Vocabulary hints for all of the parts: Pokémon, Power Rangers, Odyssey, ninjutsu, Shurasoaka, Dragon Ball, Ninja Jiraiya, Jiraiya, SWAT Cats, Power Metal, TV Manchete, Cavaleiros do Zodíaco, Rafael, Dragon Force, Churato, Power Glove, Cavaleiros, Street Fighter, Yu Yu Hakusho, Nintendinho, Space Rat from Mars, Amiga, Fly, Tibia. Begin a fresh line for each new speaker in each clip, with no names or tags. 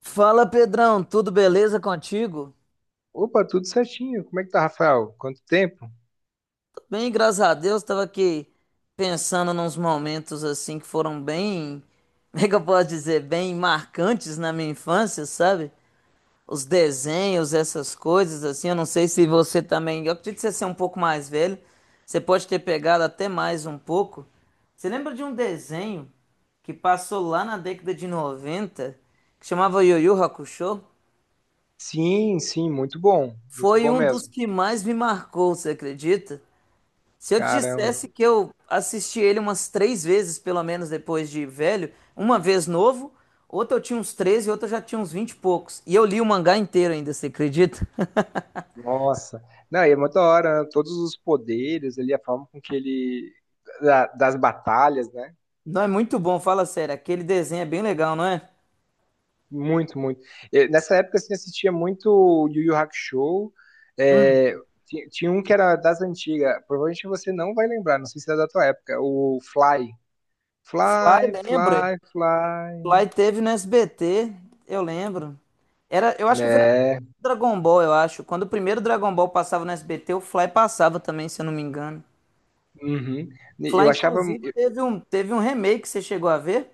Fala Pedrão, tudo beleza contigo?
Opa, tudo certinho. Como é que tá, Rafael? Quanto tempo?
Tô bem, graças a Deus, tava aqui pensando nos momentos assim que foram bem, como é que eu posso dizer, bem marcantes na minha infância, sabe? Os desenhos, essas coisas assim, eu não sei se você também, eu acredito que você ser um pouco mais velho, você pode ter pegado até mais um pouco. Você lembra de um desenho que passou lá na década de 90 que chamava Yu Yu Hakusho?
Sim, sim, muito bom. Muito
Foi
bom
um dos
mesmo.
que mais me marcou, você acredita? Se eu te
Caramba,
dissesse que eu assisti ele umas três vezes, pelo menos depois de velho, uma vez novo, outra eu tinha uns 13, outra eu já tinha uns 20 e poucos. E eu li o mangá inteiro ainda, você acredita?
nossa. Não, e é muito da hora, né? Todos os poderes ali, a forma com que ele. Das batalhas, né?
Não é muito bom, fala sério. Aquele desenho é bem legal, não é?
Muito, muito. Nessa época, assim, assistia muito Yu Yu Hakusho. É, tinha um que era das antigas. Provavelmente você não vai lembrar, não sei se era da tua época. O Fly.
Fly,
Fly,
lembra?
fly,
Fly
fly.
teve no SBT, eu lembro. Era, eu acho que foi na época
Né?
do Dragon Ball, eu acho. Quando o primeiro Dragon Ball passava no SBT, o Fly passava também, se eu não me engano.
Uhum.
Fly,
Eu achava.
inclusive, teve um remake, você chegou a ver?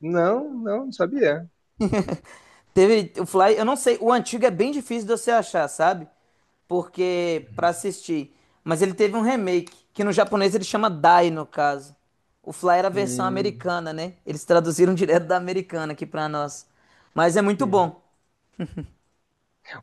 Não, não, não sabia.
Teve o Fly, eu não sei, o antigo é bem difícil de você achar, sabe? Porque pra
Uhum.
assistir. Mas ele teve um remake, que no japonês ele chama Dai, no caso. O Fly era a versão
Hum,
americana, né? Eles traduziram direto da americana aqui pra nós. Mas é muito
hum.
bom.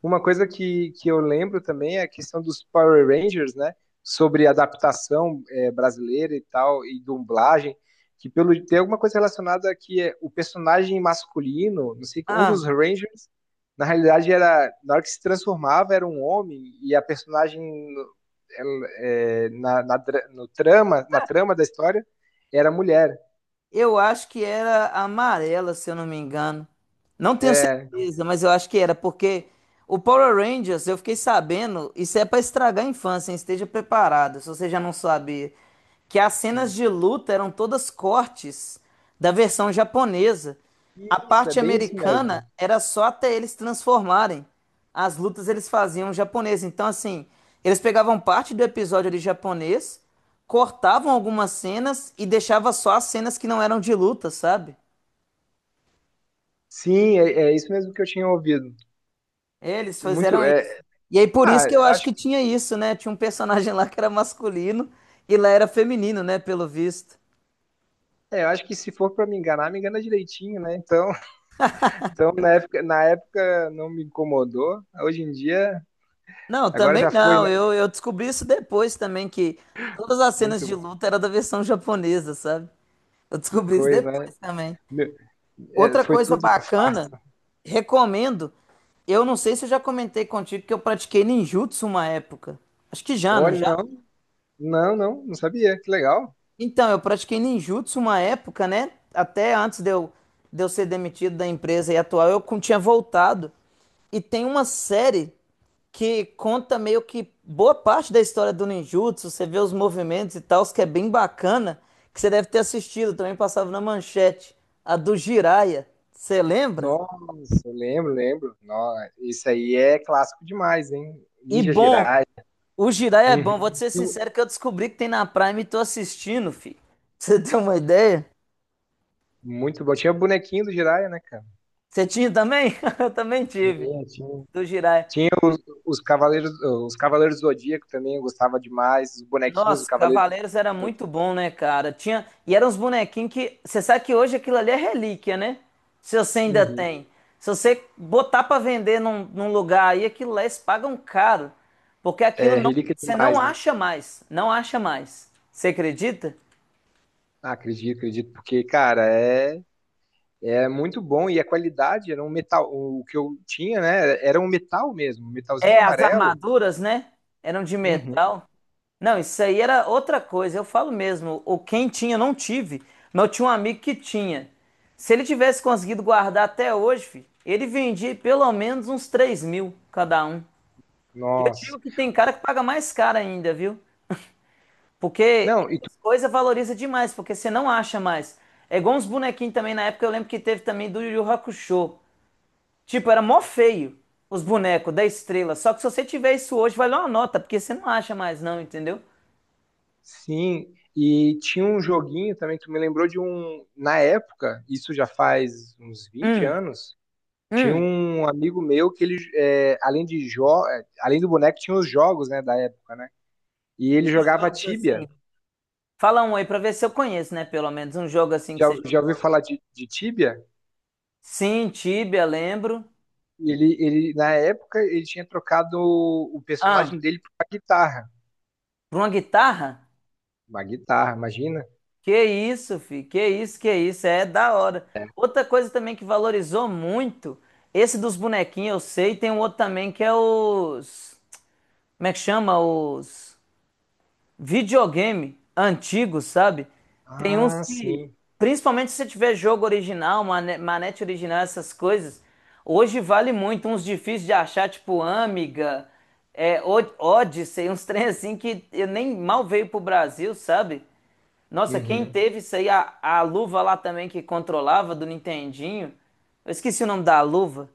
Uma coisa que eu lembro também é a questão dos Power Rangers, né? Sobre adaptação é, brasileira e tal, e dublagem, que pelo tem alguma coisa relacionada que é o personagem masculino, não sei, um
Ah,
dos Rangers, na realidade era, na hora que se transformava era um homem, e a personagem no- ela, é, na, na, dra- no trama, na trama da história era mulher.
eu acho que era amarela, se eu não me engano. Não tenho
É,
certeza, mas eu acho que era, porque o Power Rangers, eu fiquei sabendo, isso é pra estragar a infância, hein? Esteja preparado, se você já não sabia, que as cenas de luta eram todas cortes da versão japonesa. A
isso, é
parte
bem isso mesmo.
americana era só até eles transformarem. As lutas eles faziam japonês. Então, assim, eles pegavam parte do episódio ali japonês, cortavam algumas cenas e deixava só as cenas que não eram de luta, sabe?
Sim, é, é isso mesmo que eu tinha ouvido.
Eles
Muito,
fizeram isso.
é,
E aí, por isso
ah,
que eu
eu
acho
acho,
que tinha isso, né? Tinha um personagem lá que era masculino e lá era feminino, né? Pelo visto.
é, eu acho que se for para me enganar, me engana direitinho, né? Então, então na época não me incomodou. Hoje em dia,
Não,
agora
também
já foi,
não.
né?
Eu descobri isso depois também, que todas as cenas
Muito
de
bom,
luta eram da versão japonesa, sabe? Eu
que
descobri isso
coisa, né?
depois também.
Meu, é,
Outra
foi
coisa
tudo uma
bacana,
farsa.
recomendo. Eu não sei se eu já comentei contigo que eu pratiquei ninjutsu uma época. Acho que já, não
Olha,
já?
não, não sabia. Que legal.
Então, eu pratiquei ninjutsu uma época, né? Até antes de eu ser demitido da empresa e atual, eu tinha voltado. E tem uma série que conta meio que boa parte da história do ninjutsu. Você vê os movimentos e tal, que é bem bacana, que você deve ter assistido. Também passava na manchete. A do Jiraiya. Você lembra?
Nossa, lembro, lembro. Nossa, isso aí é clássico demais, hein?
E
Ninja
bom.
Jiraiya.
O Jiraiya é bom, vou te
Uhum.
ser sincero que eu descobri que tem na Prime e tô assistindo, fi. Pra você tem uma ideia?
Muito bom. Tinha o bonequinho do Jiraiya, né, cara?
Você tinha também? Eu também tive,
É, tinha.
do Jiraiya.
Os Cavaleiros do Zodíaco também eu gostava demais, os bonequinhos do
Nossa,
Cavaleiro
Cavaleiros era
do Zodíaco.
muito bom, né, cara? Tinha... E eram uns bonequinhos que... Você sabe que hoje aquilo ali é relíquia, né? Se você ainda
Uhum.
tem. Se você botar pra vender num lugar aí, aquilo lá eles pagam caro. Porque aquilo
É
não...
relíquia
Você não
demais, né?
acha mais. Não acha mais. Você acredita?
Ah, acredito, acredito, porque, cara, é, é muito bom e a qualidade era um metal. O que eu tinha, né? Era um metal mesmo, um metalzinho
É, as
amarelo.
armaduras, né? Eram de
Uhum.
metal. Não, isso aí era outra coisa. Eu falo mesmo, o quem tinha, eu não tive, mas eu tinha um amigo que tinha. Se ele tivesse conseguido guardar até hoje, fi, ele vendia pelo menos uns 3 mil cada um. E eu
Nossa.
digo que tem cara que paga mais caro ainda, viu? Porque
Não, e tu,
essas coisas valoriza demais, porque você não acha mais. É igual uns bonequinhos também, na época eu lembro que teve também do Yu Yu Hakusho. Tipo, era mó feio os bonecos da estrela. Só que se você tiver isso hoje, vai dar uma nota, porque você não acha mais, não, entendeu?
sim, e tinha um joguinho também, tu me lembrou de um. Na época, isso já faz uns vinte
Hum,
anos. Tinha
hum.
um amigo meu que ele, é, além de jo é, além do boneco, tinha os jogos, né, da época, né? E ele
Que
jogava
jogos
Tibia.
assim. Fala um aí pra ver se eu conheço, né? Pelo menos um jogo assim que
Já,
você chegou.
já ouviu falar de Tibia?
Sim, Tibia, lembro.
Na época, ele tinha trocado o
Ah,
personagem dele por uma guitarra.
pra uma guitarra?
Uma guitarra, imagina?
Que isso, fi. Que isso, que isso. É da hora. Outra coisa também que valorizou muito, esse dos bonequinhos eu sei, tem um outro também que é os. Como é que chama? Os videogame antigo, sabe? Tem uns
Ah,
que,
sim.
principalmente se você tiver jogo original, manete original, essas coisas, hoje vale muito, uns difíceis de achar, tipo Amiga, é, Odyssey, uns trem assim que eu nem mal veio pro Brasil, sabe? Nossa, quem
Uhum.
teve isso aí, a luva lá também que controlava do Nintendinho, eu esqueci o nome da luva,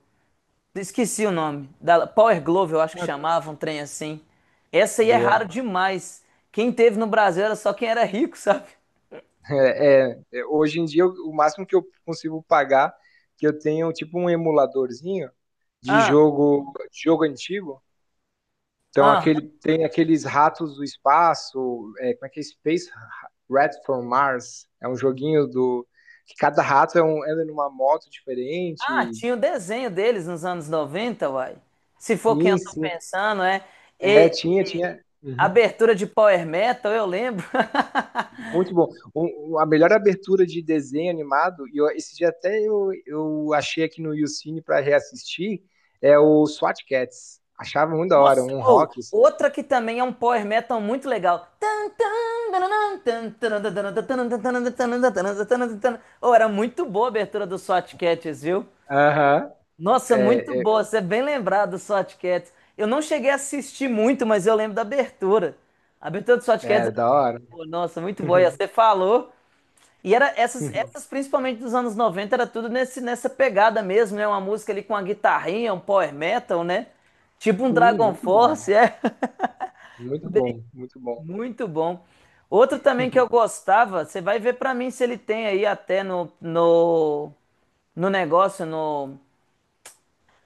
esqueci o nome. Da Power Glove, eu acho que
Ah,
chamava, um trem assim. Essa aí é
boa.
raro demais. Quem teve no Brasil era só quem era rico, sabe?
É, é, é, hoje em dia, o máximo que eu consigo pagar, que eu tenho tipo um emuladorzinho
Ah,
de jogo antigo. Então,
ah,
aquele, tem aqueles ratos do espaço, é, como é que é? Space Rat from Mars. É um joguinho do que cada rato é um, anda numa moto diferente.
tinha o desenho deles nos anos 90 uai. Se for quem
Sim,
eu tô
sim.
pensando, é.
É,
E
tinha, tinha. Uhum.
abertura de Power Metal, eu lembro.
Muito bom. A melhor abertura de desenho animado, e esse dia até eu achei aqui no YouCine para reassistir, é o SWAT Cats. Achava muito da hora,
Nossa,
um
ou
rock, assim.
outra que também é um Power Metal muito legal. Ou era muito boa a abertura do SWAT Cats, viu?
Aham.
Nossa, muito
É,
boa. Você é bem lembrado do Swat Cats. Eu não cheguei a assistir muito, mas eu lembro da abertura. A abertura do Swat
é,
Cats
é,
era
da hora.
boa. Nossa, muito boa. E você falou. E era essas, principalmente dos anos 90 era tudo nesse, nessa pegada mesmo, né? Uma música ali com uma guitarrinha, um power metal, né? Tipo um
Sim,
Dragon
muito bom.
Force, é.
Muito bom, muito bom.
Muito bom. Outro também que eu gostava, você vai ver pra mim se ele tem aí até no, no negócio, no,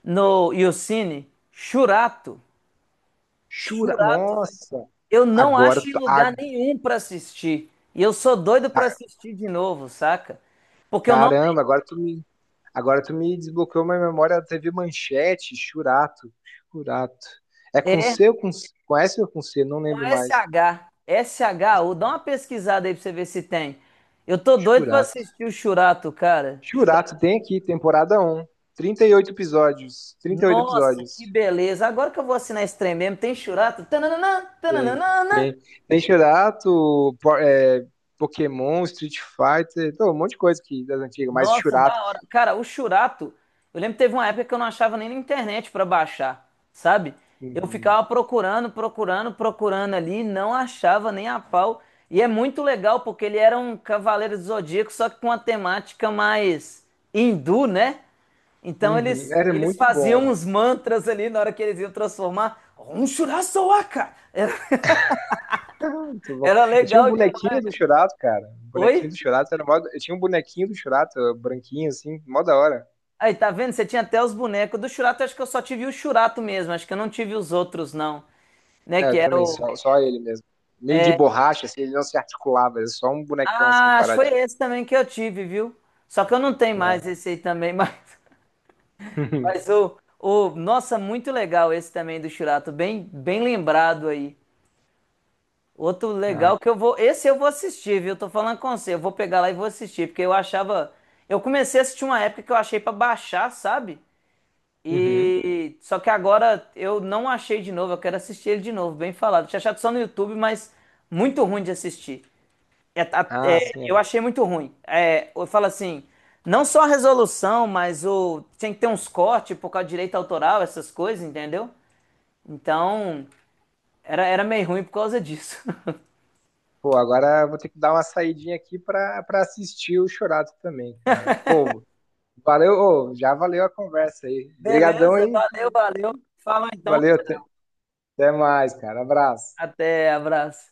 no Youcine, Churato.
Shura,
Churato,
nossa!
eu não
Agora,
acho em lugar nenhum pra assistir. E eu sou doido
a-
pra assistir de novo, saca? Porque eu não
caramba, agora tu me desbloqueou minha memória da TV Manchete, Churato, Churato. É com
é
C ou com C? Conhece ou com C? Não
com
lembro
S
mais.
H S H U, dá uma pesquisada aí pra você ver se tem. Eu tô doido pra
Churato.
assistir o Churato, cara. Churato,
Churato tem aqui, temporada um, 38 episódios. 38
nossa,
episódios.
que beleza. Agora que eu vou assinar esse trem mesmo, tem Churato. Tananana, tananana,
Tem, tem Churato, é, Pokémon, Street Fighter, pô, um monte de coisa aqui das antigas, mas
nossa,
Churato.
da hora. Cara, o Churato, eu lembro que teve uma época que eu não achava nem na internet pra baixar, sabe? Eu ficava procurando, procurando, procurando ali, não achava nem a pau. E é muito legal porque ele era um cavaleiro do zodíaco, só que com uma temática mais hindu, né? Então
Uhum,
eles,
era
eles
muito bom.
faziam uns mantras ali na hora que eles iam transformar. Um Shurasoaka! Era,
Muito bom.
era
Eu tinha um
legal
bonequinho do
demais.
Churato, cara. O
Oi?
bonequinho do Churato era mó... Eu tinha um bonequinho do Churato, branquinho, assim, mó da hora.
Aí, tá vendo? Você tinha até os bonecos. Do Churato, acho que eu só tive o Churato mesmo. Acho que eu não tive os outros, não. Né?
É,
Que
eu
era
também,
o.
só, só ele mesmo. Meio de borracha, assim, ele não se articulava, era só um bonecão, assim,
Ah, acho que foi
paradinho.
esse também que eu tive, viu? Só que eu não tenho
É.
mais esse aí também, mas o. Nossa, muito legal esse também do Churato. Bem, bem lembrado aí. Outro
Ah,
legal que eu vou. Esse eu vou assistir, viu? Tô falando com você. Eu vou pegar lá e vou assistir, porque eu achava. Eu comecei a assistir uma época que eu achei pra baixar, sabe?
uhum.
E só que agora eu não achei de novo, eu quero assistir ele de novo, bem falado. Tinha achado só no YouTube, mas muito ruim de assistir. É,
Ah,
é,
sim. É.
eu achei muito ruim. É, eu falo assim, não só a resolução, mas o tinha que ter uns cortes por causa de direito autoral, essas coisas, entendeu? Então, era, era meio ruim por causa disso.
Pô, agora eu vou ter que dar uma saidinha aqui pra, pra assistir o Churato também, cara. Pô, valeu, ô, já valeu a conversa aí. Obrigadão
Beleza,
aí.
valeu, valeu. Fala então.
Valeu, até mais, cara. Abraço.
Até, abraço.